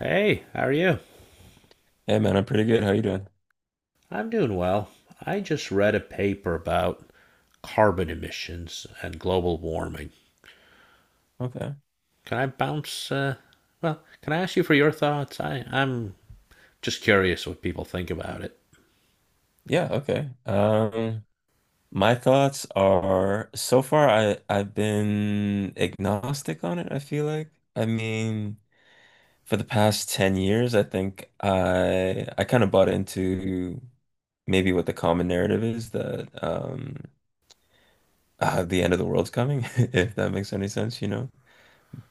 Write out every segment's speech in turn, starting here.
Hey, how are you? Hey man, I'm pretty good. How you doing? I'm doing well. I just read a paper about carbon emissions and global warming. Okay. Can I bounce? Uh, can I ask you for your thoughts? I'm just curious what people think about it. Yeah, okay. My thoughts are so far I've been agnostic on it, I feel like. I mean, for the past 10 years, I think I kind of bought into maybe what the common narrative is that the end of the world's coming, if that makes any sense.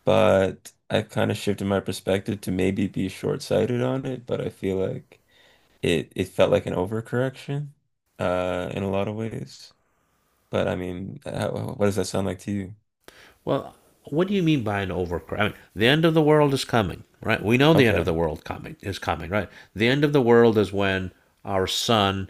But I've kind of shifted my perspective to maybe be short-sighted on it, but I feel like it felt like an overcorrection in a lot of ways, but I mean what does that sound like to you? Well, what do you mean by an overcrowd? I mean, the end of the world is coming, right? We know the end of Okay. the world coming is coming, right? The end of the world is when our sun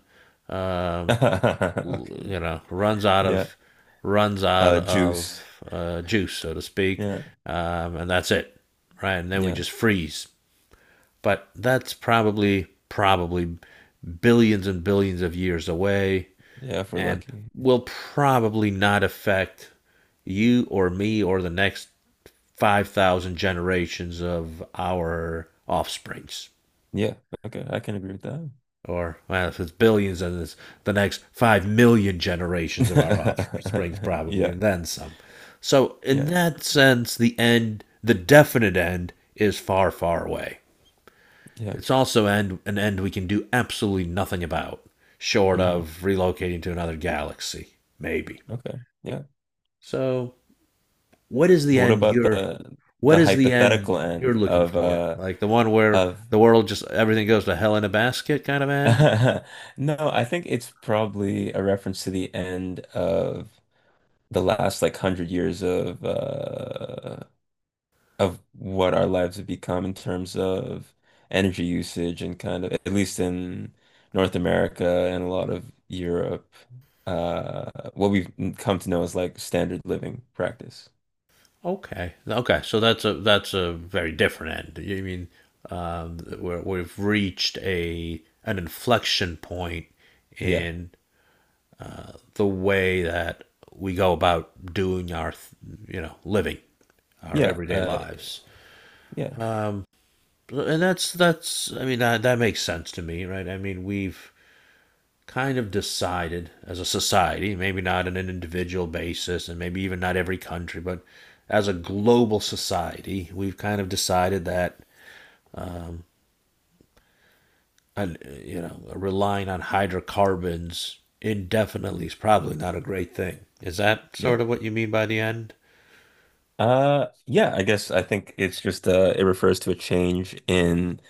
um, Okay. you know runs out Yeah. of Uh, juice. Juice, so to speak, Yeah. And that's it, right? And then we Yeah. just freeze. But that's probably billions and billions of years away, Yeah, if we're and lucky. will probably not affect you or me or the next 5,000 generations of our offsprings. Yeah, okay, I can agree with that. Or well, if it's billions, then it's the next 5 million generations of our offspring, probably, Yeah. and then some. So, in Yeah. that sense, the end, the definite end, is far, far away. Yeah. It's also end, an end we can do absolutely nothing about, short Hmm. of relocating to another galaxy, maybe. Okay. Yeah, So, what is the but what end about you're, what the is the hypothetical end you're end looking of for? uh Like the one where of the world just everything goes to hell in a basket kind of end? No, I think it's probably a reference to the end of the last like hundred years of what our lives have become in terms of energy usage and kind of, at least in North America and a lot of Europe, what we've come to know as like standard living practice. Okay. Okay. So that's a very different end. You mean where we've reached a an inflection point Yeah. in the way that we go about doing our you know living our Yeah. everyday Uh, lives. yeah. And that's I mean that that makes sense to me, right? I mean we've kind of decided as a society, maybe not on an individual basis and maybe even not every country, but as a global society, we've kind of decided that and you know relying on hydrocarbons indefinitely is probably not a great thing. Is that Yeah. sort of what you mean by the end? Yeah, I guess I think it's just it refers to a change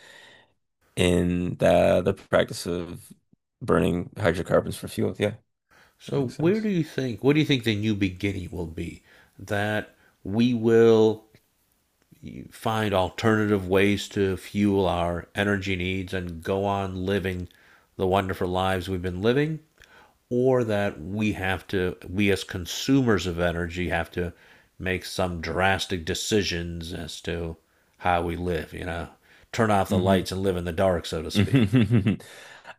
in the practice of burning hydrocarbons for fuel. Yeah, that So makes where do sense. you think what do you think the new beginning will be? That we will find alternative ways to fuel our energy needs and go on living the wonderful lives we've been living or that we have to we as consumers of energy have to make some drastic decisions as to how we live you know turn off the Hmm. lights and live in the dark so to speak.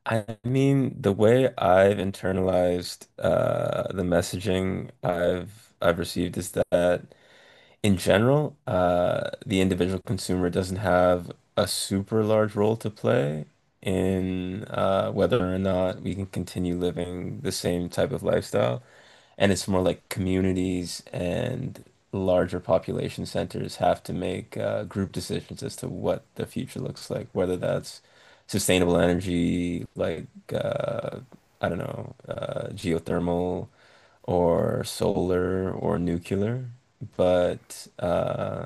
I mean, the way I've internalized the messaging I've received is that in general, the individual consumer doesn't have a super large role to play in whether or not we can continue living the same type of lifestyle. And it's more like communities and larger population centers have to make group decisions as to what the future looks like, whether that's sustainable energy, like uh, I don't know, geothermal or solar or nuclear, but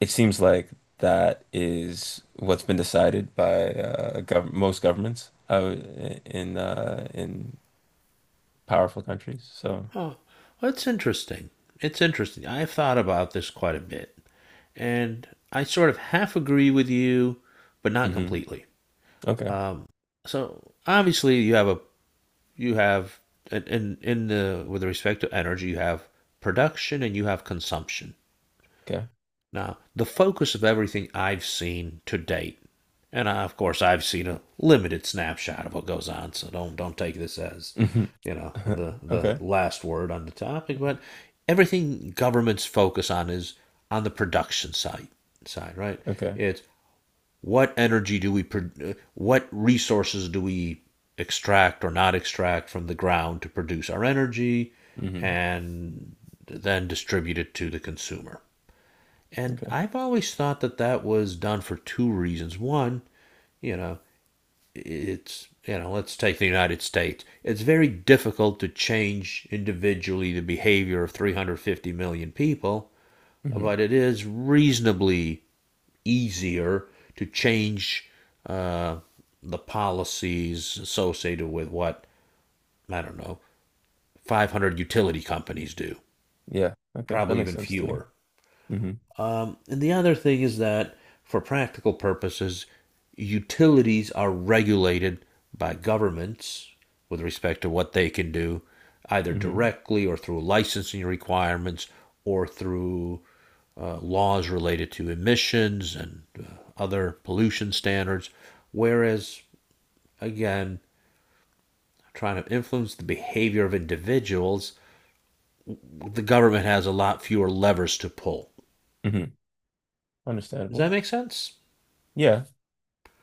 it seems like that is what's been decided by gov most governments in powerful countries. So, Oh, that's interesting. It's interesting. I have thought about this quite a bit and I sort of half agree with you but not hmm. completely. Okay. um, so obviously you have in the with respect to energy you have production and you have consumption. Okay. Now, the focus of everything I've seen to date, and I, of course I've seen a limited snapshot of what goes on, so don't take this as Hmm. you know the Okay. last word on the topic, but everything governments focus on is on the production side, right? Okay. It's what energy do we what resources do we extract or not extract from the ground to produce our energy Hmm. and then distribute it to the consumer, and Okay. I've always thought that that was done for two reasons. One, you know, it's, you know, let's take the United States. It's very difficult to change individually the behavior of 350 million people, Hmm. but it is reasonably easier to change uh, the policies associated with what, I don't know, 500 utility companies do, Yeah, okay, that probably makes even sense to me. fewer. Hmm. And the other thing is that, for practical purposes, utilities are regulated by governments with respect to what they can do, either Hmm. directly or through licensing requirements or through laws related to emissions and other pollution standards. Whereas, again, trying to influence the behavior of individuals, the government has a lot fewer levers to pull. Hmm. Does that Understandable. make sense? Yeah.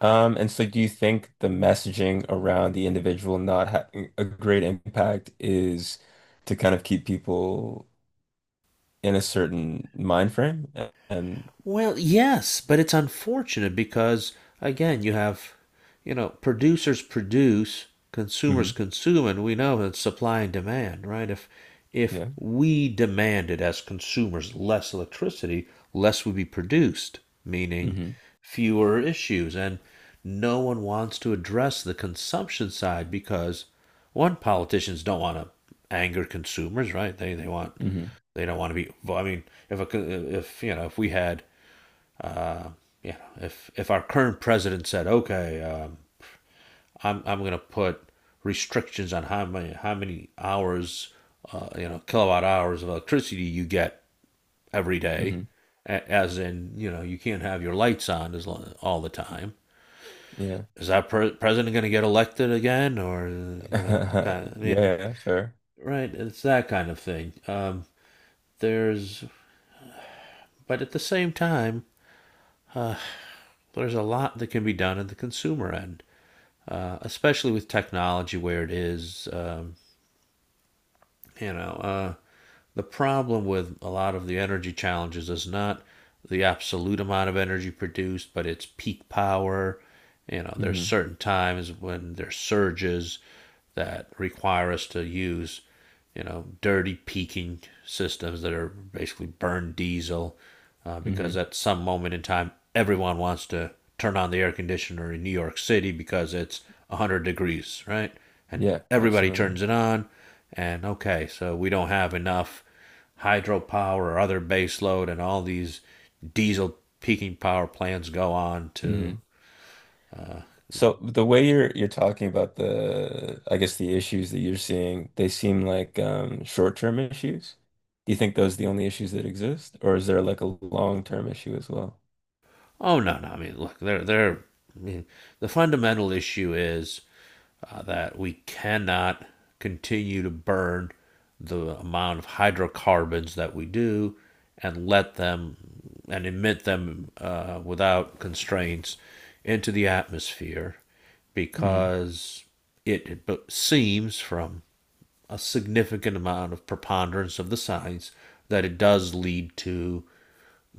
And so do you think the messaging around the individual not having a great impact is to kind of keep people in a certain mind frame? A- And, Well, yes, but it's unfortunate because again, you have, you know, producers produce, consumers hmm, consume, and we know it's supply and demand, right? If yeah. we demanded as consumers less electricity, less would be produced, meaning Hmm. fewer issues. And no one wants to address the consumption side because one, politicians don't want to anger consumers, right? They want Hmm. they don't want to be. I mean, if a, if you know, if we had uh, you know, if our current president said, "Okay, I'm going to put restrictions on how many hours, you know, kilowatt hours of electricity you get every day," Hmm. as in, you know, you can't have your lights on as long, all the time. Yeah. Is that president going to get elected again, or you know, kind of, I mean, Yeah, yeah, fair. right? It's that kind of thing. There's, but at the same time, there's a lot that can be done at the consumer end especially with technology where it is. You know, uh, the problem with a lot of the energy challenges is not the absolute amount of energy produced, but it's peak power. You know, there's Hmm. certain times when there's surges that require us to use, you know, dirty peaking systems that are basically burned diesel, Hmm. because at some moment in time, everyone wants to turn on the air conditioner in New York City because it's 100 degrees, right? And Yeah, everybody absolutely. turns it on. And okay, so we don't have enough hydropower or other base load, and all these diesel peaking power plants go on to. Hmm. So the way you're talking about the, I guess the issues that you're seeing, they seem like short-term issues. Do you think those are the only issues that exist, or is there like a long-term issue as well? Oh no, no. I mean, look, they're they're. I mean, the fundamental issue is that we cannot continue to burn the amount of hydrocarbons that we do and let them and emit them without constraints into the atmosphere Hmm. because it, seems from a significant amount of preponderance of the science that it does lead to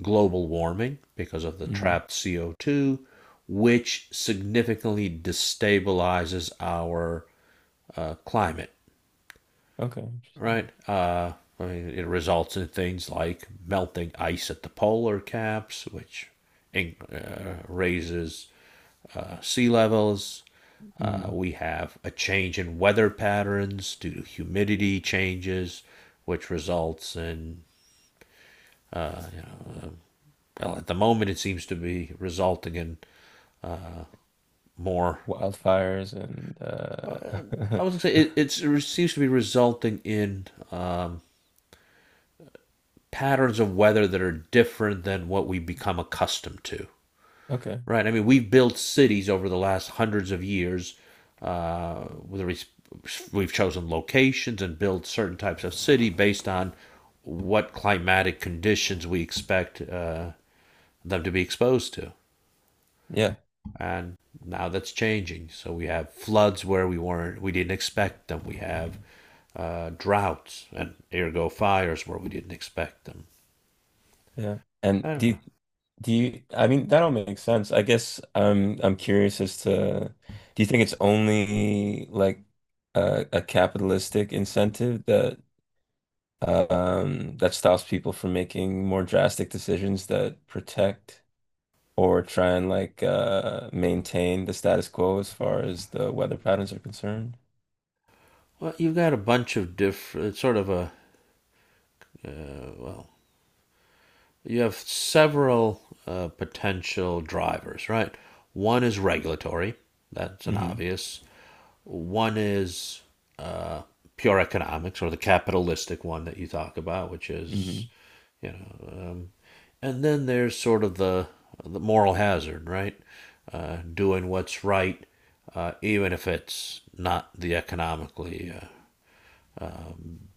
global warming because of the Hmm. trapped CO2, which significantly destabilizes our climate, Okay. Interesting. right? I mean, it results in things like melting ice at the polar caps, which raises sea levels. Hmm. We have a change in weather patterns due to humidity changes, which results in, well, at the moment, it seems to be resulting in more. Wildfires and I was gonna say it, it seems to be resulting in um, patterns of weather that are different than what we become accustomed to. okay. Right? I mean, we've built cities over the last hundreds of years. Uh, we've chosen locations and built certain types of city based on what climatic conditions we expect them to be exposed to. Yeah. And now that's changing. So we have floods where we didn't expect them. We have droughts and ergo fires where we didn't expect them. Yeah. I And don't know. Do you, I mean, that all makes sense. I guess I'm curious as to, do you think it's only like a capitalistic incentive that that stops people from making more drastic decisions that protect or try and maintain the status quo as far as the weather patterns are concerned. Well, you've got a bunch of different, sort of a, well, You have several potential drivers, right? One is regulatory, that's an Hmm. obvious. One is uh, pure economics, or the capitalistic one that you talk about, which is, Hmm. you know, um, And then there's sort of the moral hazard, right? Doing what's right, even if it's not the economically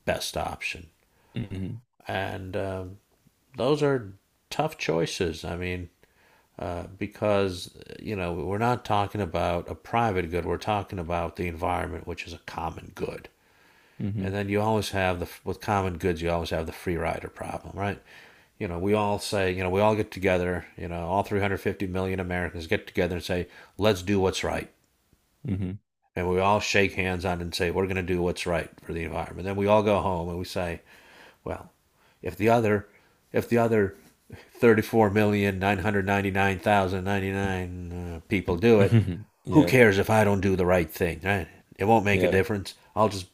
best option. Hmm. And Those are tough choices. I mean, because you know we're not talking about a private good; we're talking about the environment, which is a common good. Hmm. And then you always have the with common goods, you always have the free rider problem, right? You know, we all say, you know, we all get together, you know, all 350 million Americans get together and say, let's do what's right. Hmm. And we all shake hands on it and say, we're going to do what's right for the environment. Then we all go home and we say, well, if the other, if the other 34,999,099 people do it, Hmm. who Yeah, cares if I don't do the right thing, right? It won't make a yeah. difference.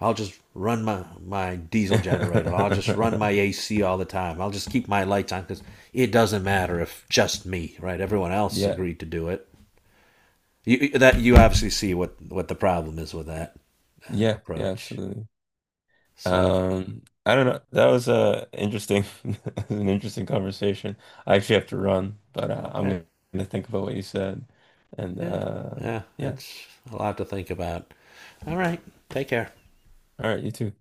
I'll just run my diesel generator. I'll just run my AC all the time. I'll just keep my lights on because it doesn't matter if just me, right? Everyone else Yeah, agreed to do it. That you obviously see what the problem is with that yeah, yeah, approach. absolutely. So I don't know. That was interesting, that was an interesting conversation. I actually have to run, but I'm okay, gonna think about what you said, and yeah, yeah, yeah. it's a lot to think about. All right, take care. All right, you too.